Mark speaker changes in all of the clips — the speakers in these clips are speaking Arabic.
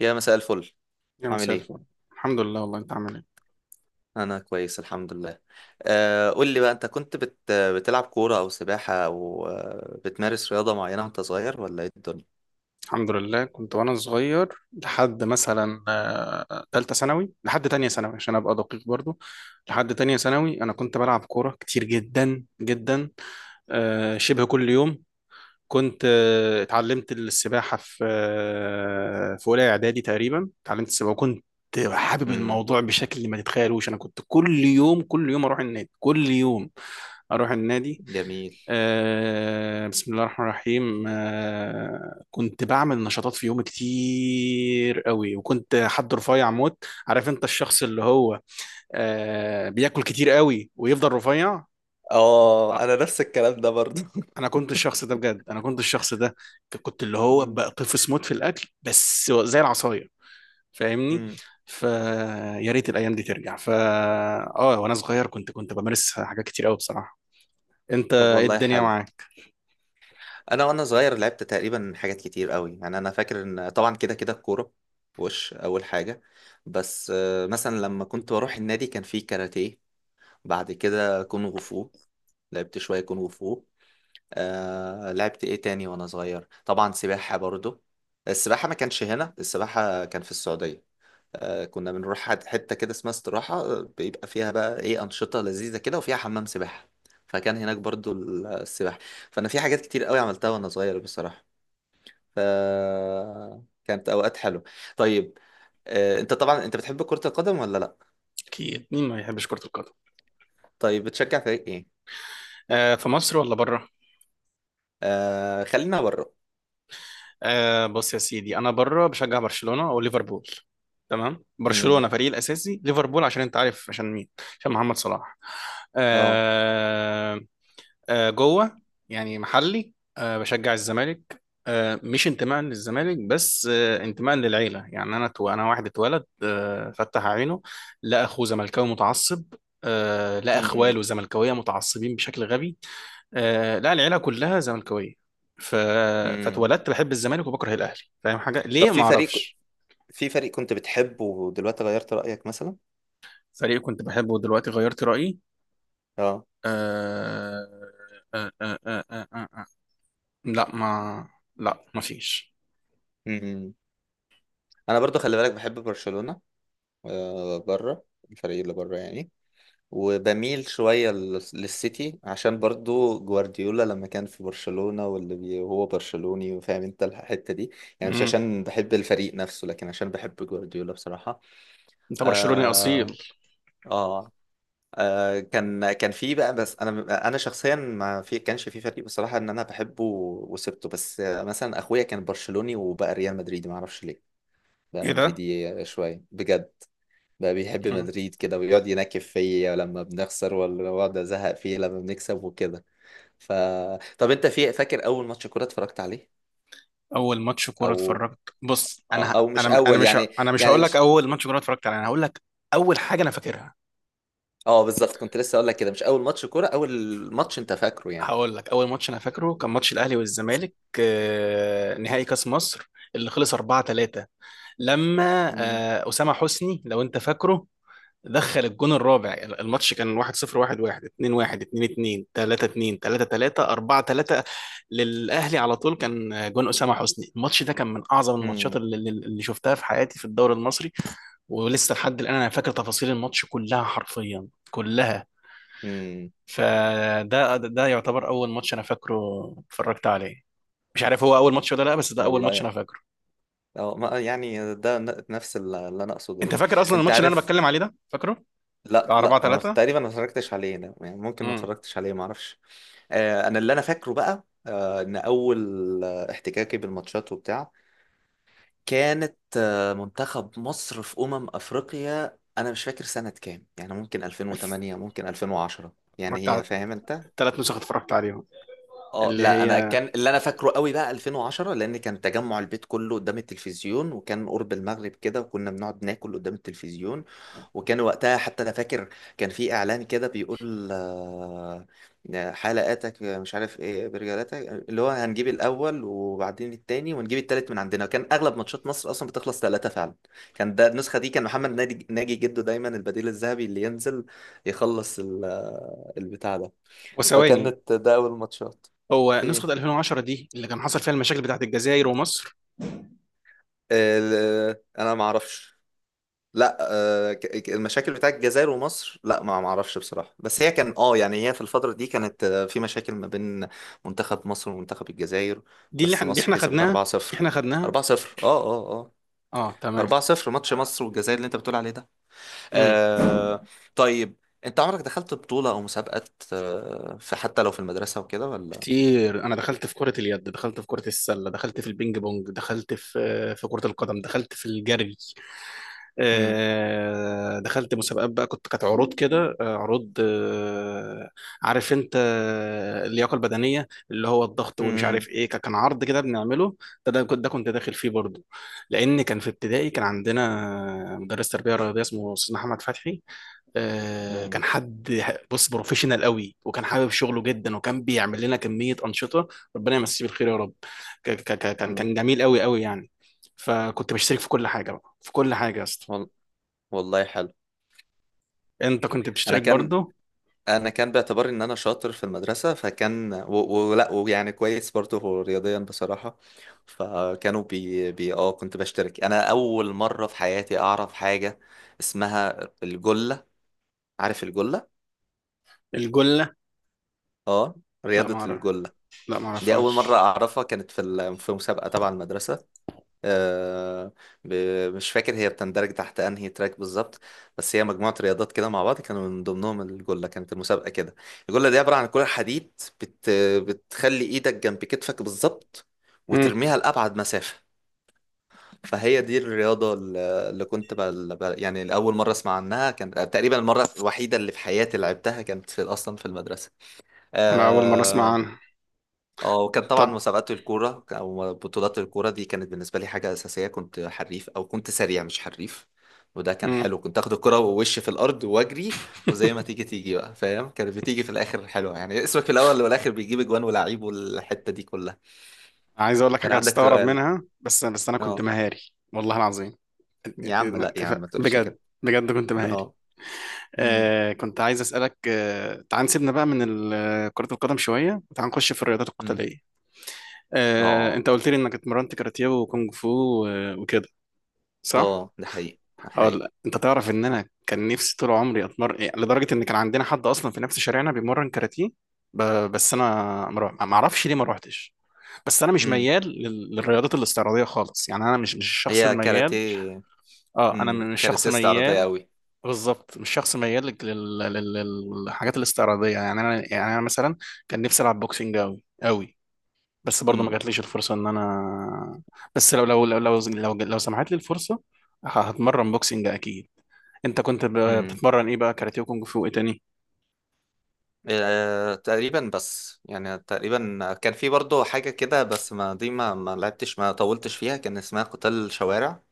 Speaker 1: يا مساء الفل.
Speaker 2: يا
Speaker 1: عامل
Speaker 2: مساء
Speaker 1: ايه؟
Speaker 2: الفل. الحمد لله، والله انت عامل ايه؟
Speaker 1: انا كويس الحمد لله. قول لي بقى، انت كنت بتلعب كورة او سباحة او بتمارس رياضة معينة وانت صغير، ولا ايه الدنيا؟
Speaker 2: الحمد لله، كنت وانا صغير لحد مثلا تالتة ثانوي، لحد تانية ثانوي عشان ابقى دقيق برضو. لحد تانية ثانوي انا كنت بلعب كورة كتير جدا جدا. شبه كل يوم. كنت اتعلمت السباحة في اولى اعدادي تقريبا، اتعلمت السباحة وكنت حابب
Speaker 1: امم
Speaker 2: الموضوع بشكل ما تتخيلوش. انا كنت كل يوم كل يوم اروح النادي كل يوم اروح النادي.
Speaker 1: جميل.
Speaker 2: بسم الله الرحمن الرحيم. كنت بعمل نشاطات في يومي كتير قوي، وكنت حد رفيع موت. عارف انت الشخص اللي هو بياكل كتير قوي ويفضل رفيع.
Speaker 1: اه،
Speaker 2: آه،
Speaker 1: انا نفس الكلام ده برضه
Speaker 2: انا كنت الشخص ده، بجد انا كنت الشخص ده. كنت اللي هو
Speaker 1: مم.
Speaker 2: بقطفس موت في الاكل بس زي العصاية. فاهمني؟
Speaker 1: مم.
Speaker 2: فيا ريت الايام دي ترجع. فا اه، وانا صغير كنت بمارس حاجات كتير قوي بصراحة. انت
Speaker 1: طب
Speaker 2: ايه
Speaker 1: والله
Speaker 2: الدنيا
Speaker 1: حلو.
Speaker 2: معاك؟
Speaker 1: انا وانا صغير لعبت تقريبا حاجات كتير قوي، يعني انا فاكر ان طبعا كده كده الكورة وش اول حاجة، بس مثلا لما كنت بروح النادي كان فيه كاراتيه، بعد كده كونغ فو، لعبت شوية كونغ فو. آه لعبت ايه تاني وانا صغير؟ طبعا سباحة برضو. السباحة ما كانش هنا، السباحة كان في السعودية. آه كنا بنروح حتة كده اسمها استراحة، بيبقى فيها بقى ايه أنشطة لذيذة كده وفيها حمام سباحة، فكان هناك برضو السباحة. فأنا في حاجات كتير قوي عملتها وانا صغير بصراحة. ف كانت أوقات حلوة. طيب، انت طبعا انت بتحب كرة القدم ولا لا؟
Speaker 2: اكيد، مين ما بيحبش كرة القدم؟
Speaker 1: طيب بتشجع فريق ايه؟
Speaker 2: في مصر ولا بره؟
Speaker 1: خلينا بره.
Speaker 2: بص يا سيدي، انا بره بشجع برشلونه وليفربول. تمام،
Speaker 1: امم
Speaker 2: برشلونه فريقي الاساسي، ليفربول عشان انت عارف عشان مين. عشان محمد صلاح.
Speaker 1: اه.
Speaker 2: آه جوه. يعني محلي بشجع الزمالك. مش انتماء للزمالك بس انتماء للعيله. يعني انا تو انا واحد اتولد فتح عينه، لقى اخوه زملكاوي متعصب. لقى
Speaker 1: امم
Speaker 2: اخواله زملكاويه متعصبين بشكل غبي. لا، العيله كلها زملكاويه. ف...
Speaker 1: امم
Speaker 2: فاتولدت بحب الزمالك وبكره الاهلي، فاهم حاجه
Speaker 1: طب
Speaker 2: ليه؟ ما
Speaker 1: في فريق،
Speaker 2: اعرفش.
Speaker 1: في فريق كنت بتحبه ودلوقتي غيرت رأيك مثلا؟
Speaker 2: فريق كنت بحبه ودلوقتي غيرت رايي؟
Speaker 1: اه.
Speaker 2: آه... آه... آه... آه... آه... آه... آه. لا ما لا ما فيش.
Speaker 1: امم انا برضو خلي بالك بحب برشلونة، بره، الفريق اللي بره يعني. وبميل شوية للسيتي، عشان برضو جوارديولا لما كان في برشلونة، وهو برشلوني وفاهم انت الحتة دي، يعني مش
Speaker 2: مم.
Speaker 1: عشان بحب الفريق نفسه لكن عشان بحب جوارديولا بصراحة.
Speaker 2: انت برشلوني اصيل؟
Speaker 1: اه, آه كان كان في بقى بس انا شخصيا ما في كانش في فريق بصراحه ان انا بحبه وسبته، بس مثلا اخويا كان برشلوني وبقى ريال مدريدي، ما اعرفش ليه. بقى
Speaker 2: ايه ده؟
Speaker 1: مدريدي شويه بجد، بقى بيحب
Speaker 2: مم.
Speaker 1: مدريد كده ويقعد ينكف فيا لما بنخسر، ولا يقعد ازهق فيه لما بنكسب وكده. ف طب انت في فاكر اول ماتش كوره اتفرجت عليه؟
Speaker 2: اول ماتش كوره
Speaker 1: او،
Speaker 2: اتفرجت؟ بص،
Speaker 1: او مش اول يعني،
Speaker 2: انا مش
Speaker 1: يعني
Speaker 2: هقول لك
Speaker 1: مش،
Speaker 2: اول ماتش كوره اتفرجت عليه، انا هقول لك اول حاجه انا فاكرها.
Speaker 1: اه بالظبط، كنت لسه اقول لك كده مش اول ماتش كوره، اول ماتش انت فاكره يعني.
Speaker 2: هقول لك، اول ماتش انا فاكره كان ماتش الاهلي والزمالك. نهائي كاس مصر اللي خلص 4-3، لما اسامه حسني لو انت فاكره دخل الجون الرابع. الماتش كان 1-0 1-1 2-1 2-2 3-2 3-3 4-3 للاهلي، على طول كان جون اسامه حسني. الماتش ده كان من اعظم الماتشات
Speaker 1: امم
Speaker 2: اللي شفتها في حياتي في الدوري المصري. ولسه لحد الان انا فاكر تفاصيل الماتش كلها، حرفيا كلها.
Speaker 1: امم
Speaker 2: فده يعتبر اول ماتش انا فاكره اتفرجت عليه. مش عارف هو اول ماتش ولا لا، بس ده اول ماتش
Speaker 1: والله
Speaker 2: انا فاكره.
Speaker 1: اه، يعني ده نفس اللي انا اقصده
Speaker 2: انت
Speaker 1: يعني.
Speaker 2: فاكر اصلا
Speaker 1: انت
Speaker 2: الماتش اللي انا
Speaker 1: عارف،
Speaker 2: بتكلم عليه ده؟ فاكره؟
Speaker 1: لا
Speaker 2: بتاع 4
Speaker 1: لا انا
Speaker 2: 3
Speaker 1: تقريبا ما اتفرجتش عليه، ده يعني ممكن ما
Speaker 2: امم.
Speaker 1: اتفرجتش عليه ما اعرفش. انا اللي انا فاكره بقى ان اول احتكاكي بالماتشات وبتاع كانت منتخب مصر في افريقيا، انا مش فاكر سنة كام، يعني ممكن 2008 ممكن 2010، يعني
Speaker 2: اتفرجت على
Speaker 1: هي فاهم انت.
Speaker 2: الثلاث نسخ، اتفرجت عليهم.
Speaker 1: اه
Speaker 2: اللي
Speaker 1: لا، انا
Speaker 2: هي،
Speaker 1: كان اللي انا فاكره قوي بقى 2010، لان كان تجمع البيت كله قدام التلفزيون، وكان قرب المغرب كده وكنا بنقعد ناكل قدام التلفزيون، وكان وقتها حتى انا فاكر كان في اعلان كده بيقول حلقاتك مش عارف ايه برجالاتك، اللي هو هنجيب الاول وبعدين التاني ونجيب التالت من عندنا، كان اغلب ماتشات مصر اصلا بتخلص ثلاثة فعلا. كان ده النسخة دي، كان محمد ناجي ناجي جده دايما البديل الذهبي اللي ينزل يخلص البتاع ده.
Speaker 2: وثواني.
Speaker 1: فكانت ده اول ماتشات.
Speaker 2: هو نسخة
Speaker 1: ايه
Speaker 2: 2010 دي اللي كان حصل فيها المشاكل بتاعت الجزائر ومصر؟
Speaker 1: انا ما اعرفش. لا، المشاكل بتاعت الجزائر ومصر لا ما ما اعرفش بصراحة، بس هي كان اه يعني هي في الفترة دي كانت في مشاكل ما بين منتخب مصر ومنتخب الجزائر. بس
Speaker 2: دي
Speaker 1: مصر
Speaker 2: احنا
Speaker 1: كسبت
Speaker 2: خدناها.
Speaker 1: 4-0.
Speaker 2: احنا خدناها.
Speaker 1: 4-0 اه اه اه.
Speaker 2: اه، تمام.
Speaker 1: 4-0 ماتش مصر والجزائر اللي انت بتقول عليه ده.
Speaker 2: امم.
Speaker 1: آه. طيب انت عمرك دخلت بطولة او مسابقات في حتى لو في المدرسة وكده ولا؟
Speaker 2: كتير، انا دخلت في كرة اليد، دخلت في كرة السلة، دخلت في البينج بونج، دخلت في كرة القدم، دخلت في الجري.
Speaker 1: امم
Speaker 2: دخلت مسابقات بقى، كنت، كانت عروض كده، عروض عارف انت اللياقه البدنيه اللي هو الضغط ومش
Speaker 1: امم
Speaker 2: عارف ايه، كان عرض كده بنعمله. ده كنت داخل فيه برضه. لان كان في ابتدائي، كان عندنا مدرس تربيه رياضيه اسمه استاذ محمد فتحي. كان حد، بص، بروفيشنال قوي، وكان حابب شغله جدا، وكان بيعمل لنا كمية أنشطة. ربنا يمسيه بالخير يا رب. ك- ك- ك- كان
Speaker 1: امم
Speaker 2: كان جميل قوي قوي يعني. فكنت بشترك في كل حاجة بقى، في كل حاجة يا اسطى.
Speaker 1: والله حلو.
Speaker 2: انت كنت
Speaker 1: انا
Speaker 2: بتشترك
Speaker 1: كان
Speaker 2: برضو؟
Speaker 1: انا كان باعتبار ان انا شاطر في المدرسه، فكان ولا ويعني كويس برضه رياضيا بصراحه، فكانوا بي, بي اه كنت بشترك. انا اول مره في حياتي اعرف حاجه اسمها الجله. عارف الجله؟
Speaker 2: الجلة؟
Speaker 1: اه،
Speaker 2: لا ما
Speaker 1: رياضه
Speaker 2: اعرف.
Speaker 1: الجله.
Speaker 2: لا ما
Speaker 1: دي اول
Speaker 2: اعرفهاش.
Speaker 1: مره اعرفها، كانت في في مسابقه تبع المدرسه. آه، مش فاكر هي بتندرج تحت انهي تراك بالظبط، بس هي مجموعة رياضات كده مع بعض، كانوا من ضمنهم الجلة. كانت المسابقة كده، الجلة دي عبارة عن كرة حديد، بت بتخلي ايدك جنب كتفك بالظبط
Speaker 2: امم.
Speaker 1: وترميها لأبعد مسافة. فهي دي الرياضة، اللي كنت يعني الأول مرة أسمع عنها كان تقريبا، المرة الوحيدة اللي في حياتي لعبتها كانت في، أصلا في المدرسة.
Speaker 2: انا اول مرة اسمع
Speaker 1: آه،
Speaker 2: عنها.
Speaker 1: اه، وكان طبعا
Speaker 2: طب.
Speaker 1: مسابقات الكورة أو بطولات الكورة دي كانت بالنسبة لي حاجة أساسية، كنت حريف أو كنت سريع مش حريف، وده كان
Speaker 2: امم.
Speaker 1: حلو. كنت آخد الكرة ووش في الأرض وأجري، وزي ما تيجي تيجي بقى فاهم، كانت بتيجي في الآخر حلوة يعني، اسمك في الأول والآخر بيجيب أجوان ولاعيب والحتة دي كلها.
Speaker 2: عايز اقول لك
Speaker 1: كان
Speaker 2: حاجة
Speaker 1: عندك
Speaker 2: هتستغرب
Speaker 1: سؤال؟
Speaker 2: منها، بس انا كنت
Speaker 1: اه،
Speaker 2: مهاري. والله العظيم.
Speaker 1: يا عم لا يا عم
Speaker 2: اتفق،
Speaker 1: ما تقولش
Speaker 2: بجد
Speaker 1: كده.
Speaker 2: بجد كنت مهاري.
Speaker 1: اه. امم
Speaker 2: كنت عايز اسالك، تعال نسيبنا بقى من كرة القدم شوية، وتعال نخش في الرياضات
Speaker 1: امم
Speaker 2: القتالية.
Speaker 1: اه
Speaker 2: انت قلت لي انك اتمرنت كاراتيه وكونج فو وكده، صح؟
Speaker 1: اه، ده حقيقي، ده
Speaker 2: هقول
Speaker 1: حقيقي.
Speaker 2: لك. انت تعرف ان انا كان نفسي طول عمري اتمرن إيه، لدرجه ان كان عندنا حد اصلا في نفس شارعنا بيمرن كاراتيه. ب... بس انا، ما اعرفش ليه ما روحتش. بس انا مش
Speaker 1: امم
Speaker 2: ميال للرياضات الاستعراضيه خالص، يعني انا مش الشخص
Speaker 1: هي
Speaker 2: الميال.
Speaker 1: كاراتيه.
Speaker 2: اه، انا مش شخص
Speaker 1: كاراتيه استعراضية
Speaker 2: ميال.
Speaker 1: أوي.
Speaker 2: بالظبط، مش شخص ميال للحاجات الاستعراضيه، يعني انا، يعني انا مثلا كان نفسي العب بوكسنج قوي قوي. بس برضه ما جاتليش الفرصه ان انا، بس لو سمحت لي الفرصه هتمرن بوكسنج اكيد. انت كنت
Speaker 1: امم
Speaker 2: بتتمرن ايه بقى، كاراتيه وكونج فو ايه تاني؟
Speaker 1: تقريبا، بس يعني تقريبا كان في برضه حاجة كده، بس ما لعبتش ما طولتش فيها، كان اسمها قتال شوارع.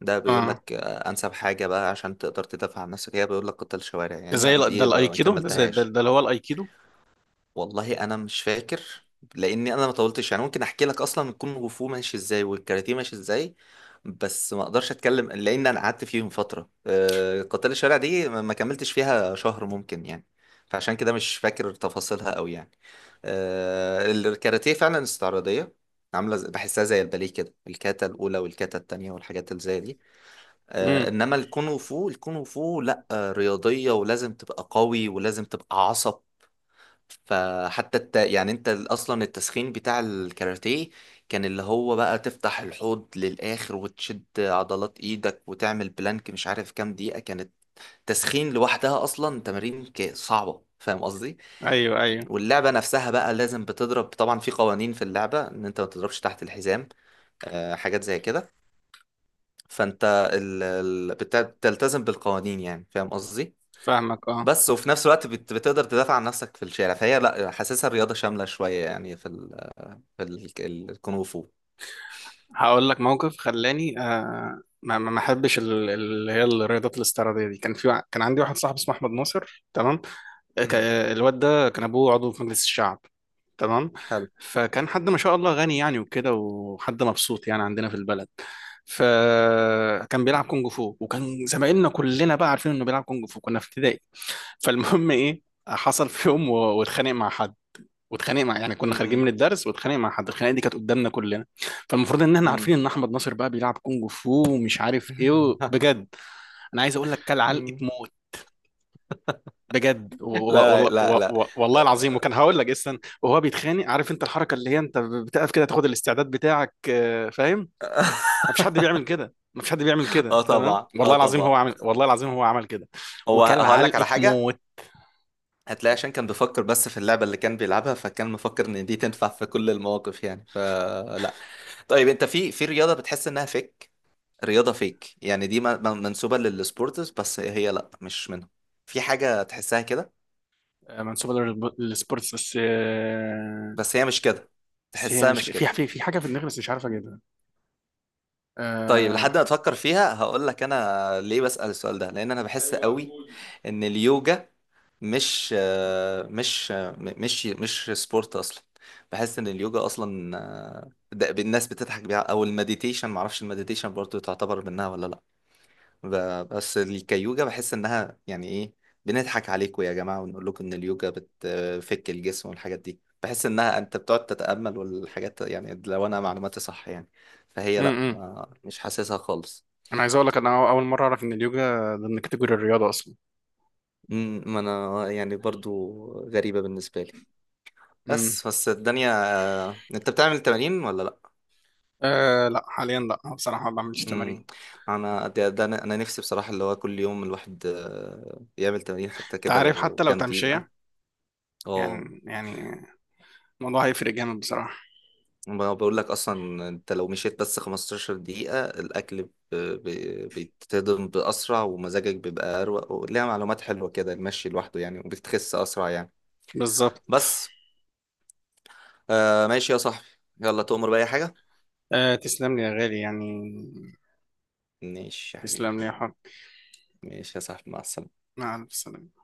Speaker 1: ده بيقول
Speaker 2: اه،
Speaker 1: لك أنسب حاجة بقى عشان تقدر تدافع عن نفسك هي، بيقول لك قتال شوارع.
Speaker 2: ده زي
Speaker 1: يعني
Speaker 2: ده
Speaker 1: دي ما
Speaker 2: الايكيدو، ده زي ده,
Speaker 1: كملتهاش.
Speaker 2: ده اللي هو الايكيدو.
Speaker 1: والله انا مش فاكر، لاني انا ما طولتش يعني. ممكن احكي لك اصلا الكونغ فو ماشي ازاي والكاراتيه ماشي ازاي، بس ما اقدرش اتكلم، لان انا قعدت فيهم فتره، قتال الشارع دي ما ما كملتش فيها شهر ممكن، يعني فعشان كده مش فاكر تفاصيلها قوي يعني. الكاراتيه فعلا استعراضيه، عامله زي، بحسها زي الباليه كده، الكاتا الاولى والكاتا التانية والحاجات اللي زي دي.
Speaker 2: امم.
Speaker 1: انما الكونغ فو، الكونغ فو لا، رياضيه ولازم تبقى قوي ولازم تبقى عصب. فحتى يعني انت اصلا التسخين بتاع الكاراتيه كان اللي هو بقى تفتح الحوض للاخر وتشد عضلات ايدك وتعمل بلانك مش عارف كام دقيقة كانت، تسخين لوحدها اصلا تمارين صعبة فاهم قصدي.
Speaker 2: ايوه، ايوه.
Speaker 1: واللعبة نفسها بقى لازم بتضرب، طبعا في قوانين في اللعبة ان انت ما تضربش تحت الحزام، حاجات زي كده، فانت بتلتزم بالقوانين يعني فاهم قصدي.
Speaker 2: فاهمك. اه.
Speaker 1: بس وفي نفس الوقت بتقدر تدافع عن نفسك في الشارع، فهي لا حاسسها رياضة شاملة شوية يعني في الكونغ فو.
Speaker 2: هقول لك موقف خلاني ما احبش اللي هي الرياضات الاستعراضيه دي. كان في كان عندي واحد صاحبي اسمه احمد ناصر، تمام. ك-
Speaker 1: امم
Speaker 2: الواد ده كان ابوه عضو في مجلس الشعب، تمام.
Speaker 1: حلو.
Speaker 2: فكان حد ما شاء الله غني يعني وكده، وحد مبسوط يعني عندنا في البلد. فكان بيلعب كونج فو، وكان زمايلنا كلنا بقى عارفين انه بيلعب كونج فو، كنا في ابتدائي. فالمهم ايه، حصل في يوم واتخانق مع حد. واتخانق مع يعني كنا خارجين
Speaker 1: مم.
Speaker 2: من الدرس، واتخانق مع حد. الخناقه دي كانت قدامنا كلنا. فالمفروض ان احنا عارفين
Speaker 1: مم.
Speaker 2: ان احمد ناصر بقى بيلعب كونج فو ومش عارف ايه. بجد، انا عايز اقول لك، كل علقه
Speaker 1: مم.
Speaker 2: موت. بجد و- و-
Speaker 1: لا
Speaker 2: والله
Speaker 1: لا
Speaker 2: و-
Speaker 1: لا.
Speaker 2: و- والله العظيم. وكان هقول لك اصلا وهو بيتخانق، عارف انت الحركه اللي هي انت بتقف كده تاخد الاستعداد بتاعك، فاهم؟ مفيش حد بيعمل كده، مفيش حد بيعمل كده،
Speaker 1: اه
Speaker 2: تمام؟
Speaker 1: طبعا اه
Speaker 2: والله العظيم
Speaker 1: طبعا.
Speaker 2: هو عمل، والله العظيم هو عمل كده.
Speaker 1: هو
Speaker 2: وكان
Speaker 1: هقول لك
Speaker 2: علقه
Speaker 1: على حاجه،
Speaker 2: موت.
Speaker 1: هتلاقي عشان كان بيفكر بس في اللعبه اللي كان بيلعبها، فكان مفكر ان دي تنفع في كل المواقف يعني، فلا. طيب انت في رياضه بتحس انها فيك؟ رياضه فيك يعني دي منسوبه للسبورتس بس هي لا مش منهم، في حاجه تحسها كده
Speaker 2: منسوبه للسبورتس بس
Speaker 1: بس هي مش كده،
Speaker 2: بس هي
Speaker 1: تحسها
Speaker 2: مش
Speaker 1: مش
Speaker 2: كده. في
Speaker 1: كده.
Speaker 2: في في حاجه في دماغي بس مش عارف اجيبها.
Speaker 1: طيب
Speaker 2: آه،
Speaker 1: لحد ما تفكر فيها هقول لك انا ليه بسأل السؤال ده، لان انا بحس قوي ان اليوجا مش، مش سبورت اصلا. بحس ان اليوجا اصلا، ده الناس بتضحك بيها، او المديتيشن، معرفش المديتيشن برضو تعتبر منها ولا لا، بس كيوجا بحس انها يعني ايه، بنضحك عليكم يا جماعة ونقول لكم ان اليوجا بتفك الجسم والحاجات دي. بحس انها انت بتقعد تتأمل والحاجات، يعني لو انا معلوماتي صح يعني،
Speaker 2: م-
Speaker 1: فهي لا
Speaker 2: م.
Speaker 1: ما مش حاسسها خالص.
Speaker 2: انا عايز اقول لك، انا اول مره اعرف ان اليوجا ضمن كاتيجوري الرياضه اصلا.
Speaker 1: ما انا يعني برضو غريبة بالنسبة لي،
Speaker 2: م.
Speaker 1: بس بس الدنيا. انت بتعمل تمارين ولا لا؟
Speaker 2: أه، لا حاليا، لا بصراحه ما بعملش
Speaker 1: امم
Speaker 2: تمارين.
Speaker 1: انا ده, ده انا أنا نفسي بصراحة اللي هو كل يوم الواحد يعمل تمارين حتى
Speaker 2: انت
Speaker 1: كده
Speaker 2: عارف حتى
Speaker 1: لو
Speaker 2: لو
Speaker 1: كام
Speaker 2: تمشيه،
Speaker 1: دقيقة. اه،
Speaker 2: يعني الموضوع هيفرق جامد بصراحة.
Speaker 1: ما بقول لك اصلا انت لو مشيت بس 15 دقيقة، الاكل بيتهضم باسرع، ومزاجك بيبقى اروق، وليها معلومات حلوة كده المشي لوحده يعني، وبتخس اسرع يعني.
Speaker 2: بالظبط.
Speaker 1: بس. آه ماشي يا صاحبي، يلا تؤمر بأي حاجة.
Speaker 2: تسلم لي يا غالي يعني.
Speaker 1: ماشي يا حبيبي.
Speaker 2: تسلم لي يا حب.
Speaker 1: ماشي يا صاحبي، مع السلامة.
Speaker 2: مع ألف سلامة.